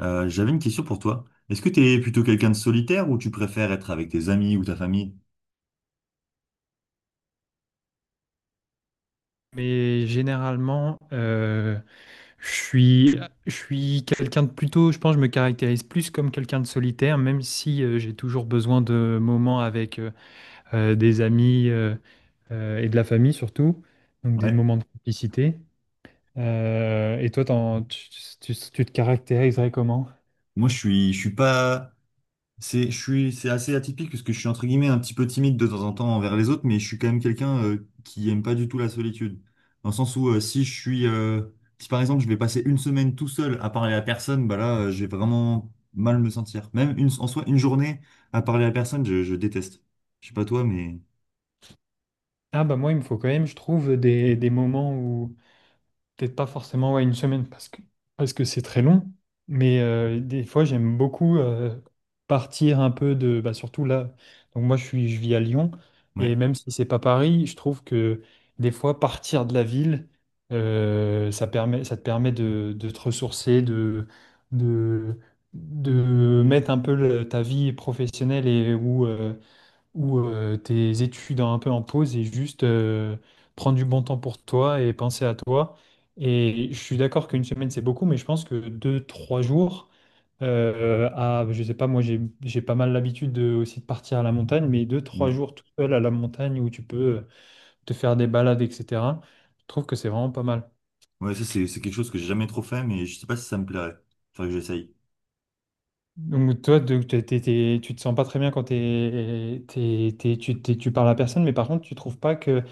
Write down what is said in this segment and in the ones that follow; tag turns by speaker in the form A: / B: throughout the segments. A: J'avais une question pour toi. Est-ce que tu es plutôt quelqu'un de solitaire ou tu préfères être avec tes amis ou ta famille?
B: Mais généralement, je suis, je suis quelqu'un de plutôt, je pense, je me caractérise plus comme quelqu'un de solitaire, même si j'ai toujours besoin de moments avec des amis et de la famille surtout, donc des
A: Ouais.
B: moments de complicité. Et toi, tu te caractériserais comment?
A: Moi, je suis pas, c'est, je suis, c'est assez atypique parce que je suis entre guillemets un petit peu timide de temps en temps envers les autres, mais je suis quand même quelqu'un qui aime pas du tout la solitude. Dans le sens où si je suis, si par exemple je vais passer une semaine tout seul à parler à personne, bah là, je vais vraiment mal me sentir. Même une, en soi, une journée à parler à personne, je déteste. Je sais pas toi, mais
B: Ah bah moi, il me faut quand même, je trouve, des moments où, peut-être pas forcément, ouais, 1 semaine parce que c'est très long, mais des fois j'aime beaucoup partir un peu de, bah, surtout là. Donc moi je vis à Lyon, et
A: ouais.
B: même si c'est pas Paris, je trouve que des fois partir de la ville ça te permet de te ressourcer, de de mettre un peu ta vie professionnelle, et ou tes études un peu en pause, et juste prendre du bon temps pour toi et penser à toi. Et je suis d'accord qu'1 semaine, c'est beaucoup, mais je pense que 2, 3 jours, à, je sais pas, moi j'ai pas mal l'habitude de, aussi de partir à la montagne, mais deux, trois
A: Ouais.
B: jours tout seul à la montagne où tu peux te faire des balades, etc. Je trouve que c'est vraiment pas mal.
A: Ouais, ça, c'est quelque chose que j'ai jamais trop fait, mais je sais pas si ça me plairait. Faudrait que j'essaye.
B: Donc toi, tu te sens pas très bien quand tu parles à personne, mais par contre, tu trouves pas que...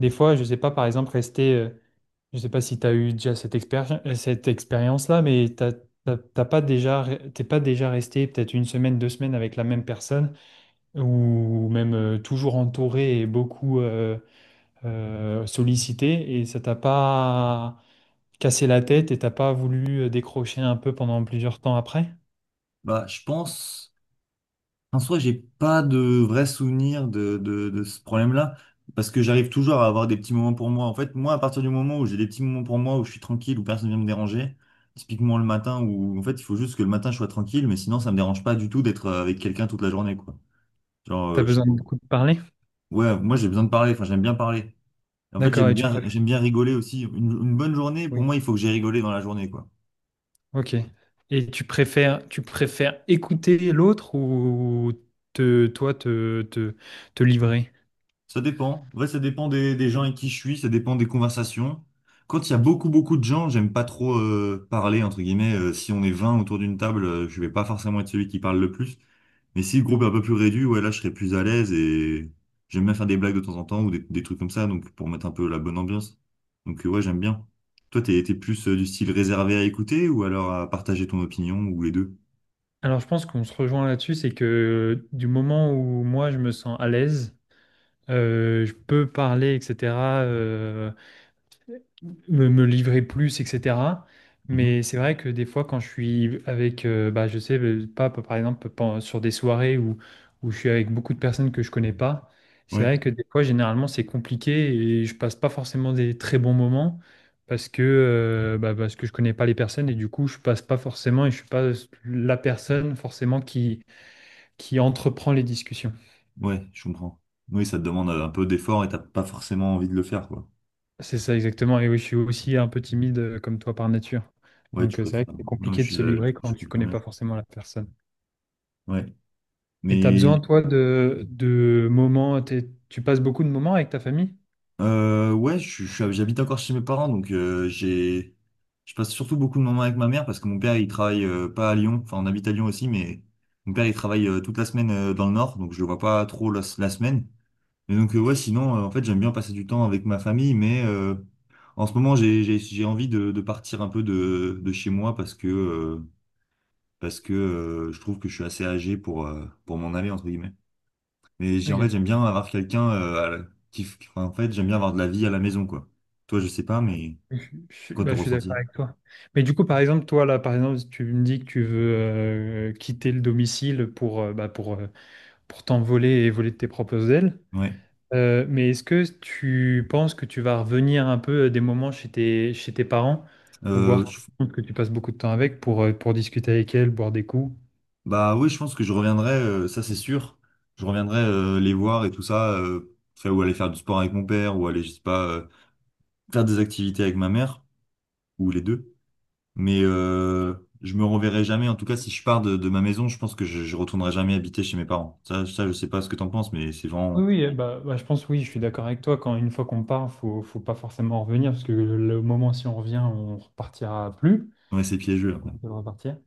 B: Des fois, je sais pas, par exemple, rester, je sais pas si tu as eu déjà cette expérience-là, mais t'as pas déjà, t'es pas déjà resté peut-être 1 semaine, 2 semaines avec la même personne, ou même toujours entouré et beaucoup sollicité, et ça t'a pas cassé la tête et t'as pas voulu décrocher un peu pendant plusieurs temps après?
A: Bah, je pense, en soi, j'ai pas de vrai souvenir de ce problème-là, parce que j'arrive toujours à avoir des petits moments pour moi. En fait, moi, à partir du moment où j'ai des petits moments pour moi, où je suis tranquille, où personne vient me déranger, typiquement le matin, où en fait, il faut juste que le matin, je sois tranquille, mais sinon, ça me dérange pas du tout d'être avec quelqu'un toute la journée, quoi. Genre,
B: T'as
A: je
B: besoin de
A: trouve-
B: beaucoup de parler?
A: ouais, moi, j'ai besoin de parler, enfin, j'aime bien parler. En fait,
B: D'accord, et tu préfères.
A: j'aime bien rigoler aussi. Une bonne journée, pour moi, il faut que j'ai rigolé dans la journée, quoi.
B: Ok. Et tu préfères écouter l'autre ou te, toi te, te, te livrer?
A: Ça dépend. Ouais, ça dépend des gens avec qui je suis, ça dépend des conversations. Quand il y a beaucoup, beaucoup de gens, j'aime pas trop parler, entre guillemets. Si on est 20 autour d'une table, je vais pas forcément être celui qui parle le plus. Mais si le groupe est un peu plus réduit, ouais, là, je serais plus à l'aise et j'aime bien faire des blagues de temps en temps ou des trucs comme ça, donc pour mettre un peu la bonne ambiance. Donc, ouais, j'aime bien. Toi, t'es plus du style réservé à écouter ou alors à partager ton opinion ou les deux?
B: Alors je pense qu'on se rejoint là-dessus, c'est que du moment où moi je me sens à l'aise, je peux parler, etc. euh, me livrer plus, etc.
A: Mhm.
B: Mais c'est vrai que des fois, quand je suis avec, bah, je sais pas, par exemple, sur des soirées où, où je suis avec beaucoup de personnes que je connais pas, c'est
A: Ouais,
B: vrai que des fois, généralement, c'est compliqué et je passe pas forcément des très bons moments parce que, bah, parce que je connais pas les personnes, et du coup, je passe pas forcément, et je suis pas la personne forcément qui entreprend les discussions.
A: ouais, je comprends. Oui, ça te demande un peu d'effort et t'as pas forcément envie de le faire, quoi.
B: C'est ça exactement. Et oui, je suis aussi un peu timide comme toi par nature.
A: Ouais, tu
B: Donc c'est vrai que
A: préfères.
B: c'est
A: Non,
B: compliqué
A: je
B: de
A: suis,
B: se
A: du
B: livrer
A: coup, je
B: quand tu
A: comprends
B: connais pas
A: bien.
B: forcément la personne.
A: Ouais.
B: Et tu as
A: Mais
B: besoin, toi, de moments, tu passes beaucoup de moments avec ta famille?
A: je suis- j'habite encore chez mes parents, donc j'ai, je passe surtout beaucoup de moments avec ma mère parce que mon père, il travaille pas à Lyon. Enfin, on habite à Lyon aussi, mais mon père, il travaille toute la semaine dans le Nord, donc je le vois pas trop la semaine. Et donc ouais, sinon, en fait, j'aime bien passer du temps avec ma famille, mais en ce moment, j'ai envie de partir un peu de chez moi parce que je trouve que je suis assez âgé pour m'en aller entre guillemets. Mais j'ai, en fait,
B: Ok,
A: j'aime bien avoir quelqu'un à la- qui, f- enfin, en fait, j'aime bien avoir de la vie à la maison, quoi. Toi, je sais pas, mais
B: je,
A: c'est quoi ton
B: bah, je suis d'accord
A: ressenti?
B: avec toi. Mais du coup, par exemple, toi, là, par exemple, tu me dis que tu veux quitter le domicile pour, bah, pour t'envoler et voler de tes propres ailes.
A: Ouais.
B: Mais est-ce que tu penses que tu vas revenir un peu des moments chez chez tes parents, ou voir
A: Euh,
B: ta
A: je-
B: tante que tu passes beaucoup de temps avec, pour discuter avec elle, boire des coups?
A: bah oui, je pense que je reviendrai, ça c'est sûr. Je reviendrai les voir et tout ça, faire- ou aller faire du sport avec mon père, ou aller, je sais pas, faire des activités avec ma mère, ou les deux. Mais je me reverrai jamais. En tout cas, si je pars de ma maison, je pense que je retournerai jamais habiter chez mes parents. Ça, je sais pas ce que t'en penses, mais c'est
B: Oui,
A: vraiment,
B: oui, je pense, oui, je suis d'accord avec toi. Quand une fois qu'on part, faut pas forcément revenir, parce que le moment si on revient, on repartira plus.
A: ouais, c'est piégeux.
B: C'est
A: Après.
B: compliqué de repartir.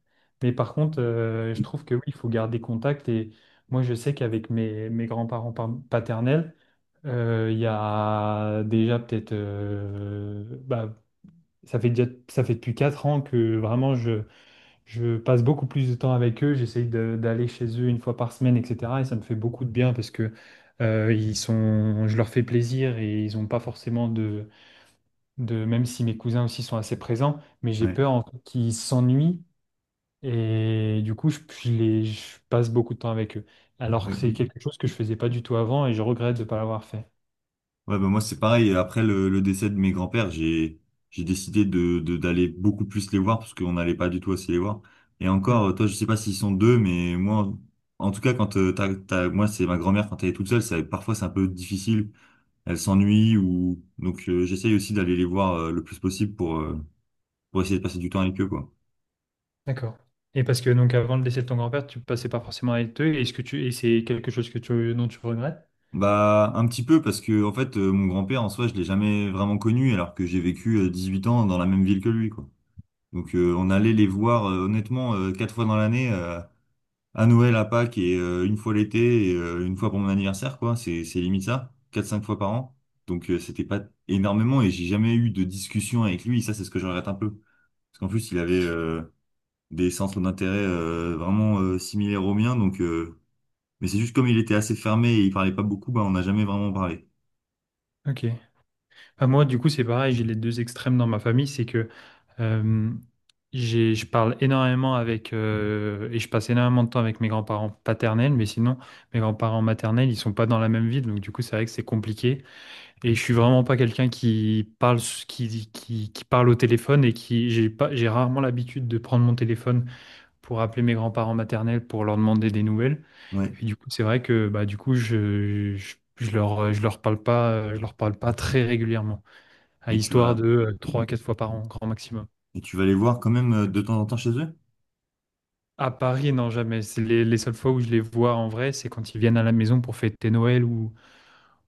B: Mais par contre, je trouve que oui, il faut garder contact. Et moi, je sais qu'avec mes grands-parents paternels, il y a déjà peut-être bah, ça fait déjà, ça fait depuis 4 ans que vraiment je passe beaucoup plus de temps avec eux. D'aller chez eux 1 fois par semaine, etc. Et ça me fait beaucoup de bien parce que ils sont, je leur fais plaisir, et ils n'ont pas forcément de, même si mes cousins aussi sont assez présents, mais j'ai
A: Ouais.
B: peur, en fait, qu'ils s'ennuient, et du coup je passe beaucoup de temps avec eux. Alors que c'est
A: Ouais.
B: quelque chose que je faisais pas du tout avant, et je regrette de ne pas l'avoir fait.
A: Ouais, bah moi c'est pareil. Après le décès de mes grands-pères, j'ai décidé d'aller beaucoup plus les voir parce qu'on n'allait pas du tout assez les voir. Et encore, toi, je sais pas s'ils sont deux, mais moi, en tout cas, quand t'as- moi c'est ma grand-mère quand elle est toute seule, c'est parfois c'est un peu difficile. Elle s'ennuie ou donc j'essaye aussi d'aller les voir le plus possible pour essayer de passer du temps avec eux quoi.
B: D'accord. Et parce que donc avant le décès de ton grand-père, tu passais pas forcément avec eux. Est-ce que tu... et c'est quelque chose que tu... dont tu regrettes?
A: Bah un petit peu parce que en fait mon grand-père en soi je l'ai jamais vraiment connu alors que j'ai vécu 18 ans dans la même ville que lui quoi. Donc on allait les voir honnêtement 4 fois dans l'année, à Noël, à Pâques et une fois l'été et une fois pour mon anniversaire, quoi. C'est limite ça, 4 5 fois par an. Donc c'était pas énormément et j'ai jamais eu de discussion avec lui. Ça c'est ce que je regrette un peu, parce qu'en plus il avait des centres d'intérêt vraiment similaires aux miens. Donc mais c'est juste comme il était assez fermé et il parlait pas beaucoup, bah on n'a jamais vraiment parlé.
B: Ok. Bah, moi, du coup, c'est pareil. J'ai les deux extrêmes dans ma famille. C'est que euh, je parle énormément avec et je passe énormément de temps avec mes grands-parents paternels, mais sinon, mes grands-parents maternels, ils sont pas dans la même ville. Donc du coup, c'est vrai que c'est compliqué. Et je suis vraiment pas quelqu'un qui parle, qui parle au téléphone, et qui... j'ai pas... j'ai rarement l'habitude de prendre mon téléphone pour appeler mes grands-parents maternels pour leur demander des nouvelles.
A: Ouais.
B: Et du coup, c'est vrai que, bah, du coup, je leur parle pas, je leur parle pas très régulièrement, à
A: Mais tu
B: histoire de
A: vas
B: trois 3-4 fois par an, grand maximum.
A: et tu vas les voir quand même de temps en temps chez eux?
B: À Paris, non, jamais. C'est les seules fois où je les vois en vrai, c'est quand ils viennent à la maison pour fêter Noël,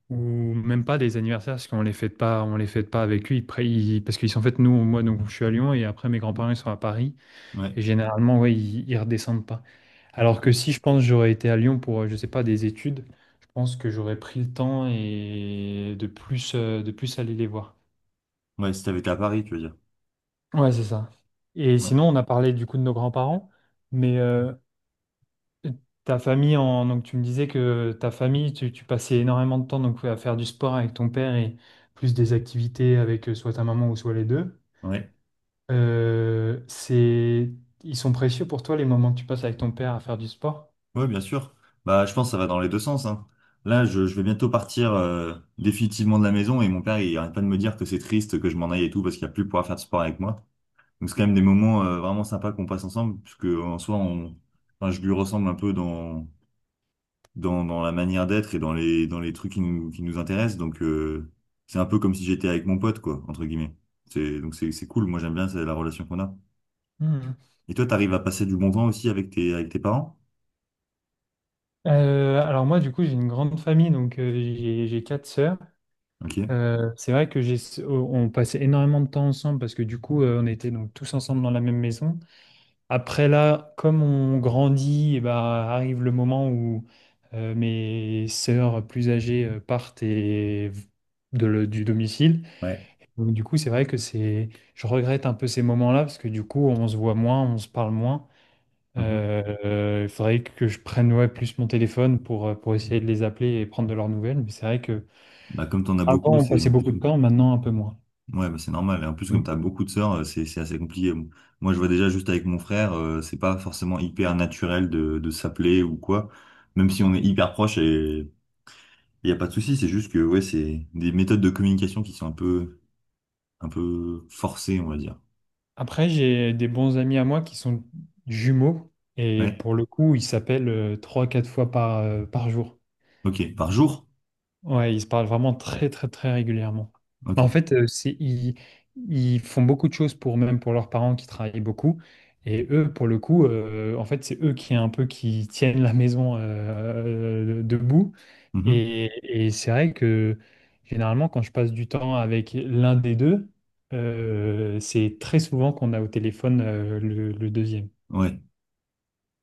B: ou même pas des anniversaires, parce qu'on les fête pas, on les fête pas avec eux. Parce qu'ils sont en fait nous, moi, donc je suis à Lyon, et après mes grands-parents ils sont à Paris.
A: Ouais.
B: Et généralement, ouais, ils redescendent pas. Alors
A: Ok.
B: que si je pense j'aurais été à Lyon pour, je sais pas, des études, je pense que j'aurais pris le temps, et de plus aller les voir.
A: Ouais, si t'avais été à Paris, tu veux dire.
B: Ouais, c'est ça. Et
A: Ouais.
B: sinon, on a parlé du coup de nos grands-parents, mais ta famille, en... donc tu me disais que ta famille, tu passais énormément de temps, donc, à faire du sport avec ton père, et plus des activités avec soit ta maman, ou soit les deux.
A: Ouais.
B: C'est... Ils sont précieux pour toi les moments que tu passes avec ton père à faire du sport?
A: Oui, bien sûr. Bah, je pense que ça va dans les deux sens, hein. Là, je vais bientôt partir définitivement de la maison et mon père, il arrête pas de me dire que c'est triste que je m'en aille et tout parce qu'il n'y a plus pouvoir faire de sport avec moi. Donc, c'est quand même des moments vraiment sympas qu'on passe ensemble, puisque en soi, on... enfin, je lui ressemble un peu dans, dans la manière d'être et dans les trucs qui nous intéressent. Donc, c'est un peu comme si j'étais avec mon pote, quoi, entre guillemets. C'est, donc, c'est cool. Moi, j'aime bien c'est la relation qu'on a. Et toi, t'arrives à passer du bon temps aussi avec tes parents?
B: Alors moi, du coup, j'ai une grande famille, donc j'ai 4 sœurs.
A: Ok.
B: C'est vrai que j'ai, on passait énormément de temps ensemble parce que du coup, on était donc tous ensemble dans la même maison. Après là, comme on grandit, eh ben, arrive le moment où mes sœurs plus âgées partent et du domicile.
A: Ouais.
B: Donc du coup, c'est vrai que c'est, je regrette un peu ces moments-là, parce que du coup, on se voit moins, on se parle moins. Il faudrait que je prenne, ouais, plus mon téléphone pour essayer de les appeler et prendre de leurs nouvelles. Mais c'est vrai que
A: Bah, comme t'en as
B: avant
A: beaucoup,
B: on
A: c'est
B: passait
A: en plus...
B: beaucoup de temps, maintenant un peu moins.
A: ouais, bah, c'est normal. Et en plus, comme
B: Oui.
A: t'as beaucoup de sœurs, c'est assez compliqué. Bon, moi, je vois déjà juste avec mon frère, c'est pas forcément hyper naturel de s'appeler ou quoi. Même si on est hyper proche et il y a pas de souci, c'est juste que ouais, c'est des méthodes de communication qui sont un peu forcées, on va dire.
B: Après, j'ai des bons amis à moi qui sont jumeaux, et
A: Ouais.
B: pour le coup, ils s'appellent 3 4 fois par, par jour.
A: Ok. Par jour?
B: Ouais, ils se parlent vraiment très très très régulièrement. Bah, en
A: Ok.
B: fait, ils font beaucoup de choses pour, même pour leurs parents qui travaillent beaucoup. Et eux, pour le coup, en fait, c'est eux qui un peu qui tiennent la maison debout.
A: Mhm.
B: Et, et c'est vrai que généralement, quand je passe du temps avec l'un des deux, c'est très souvent qu'on a au téléphone le deuxième.
A: Ouais.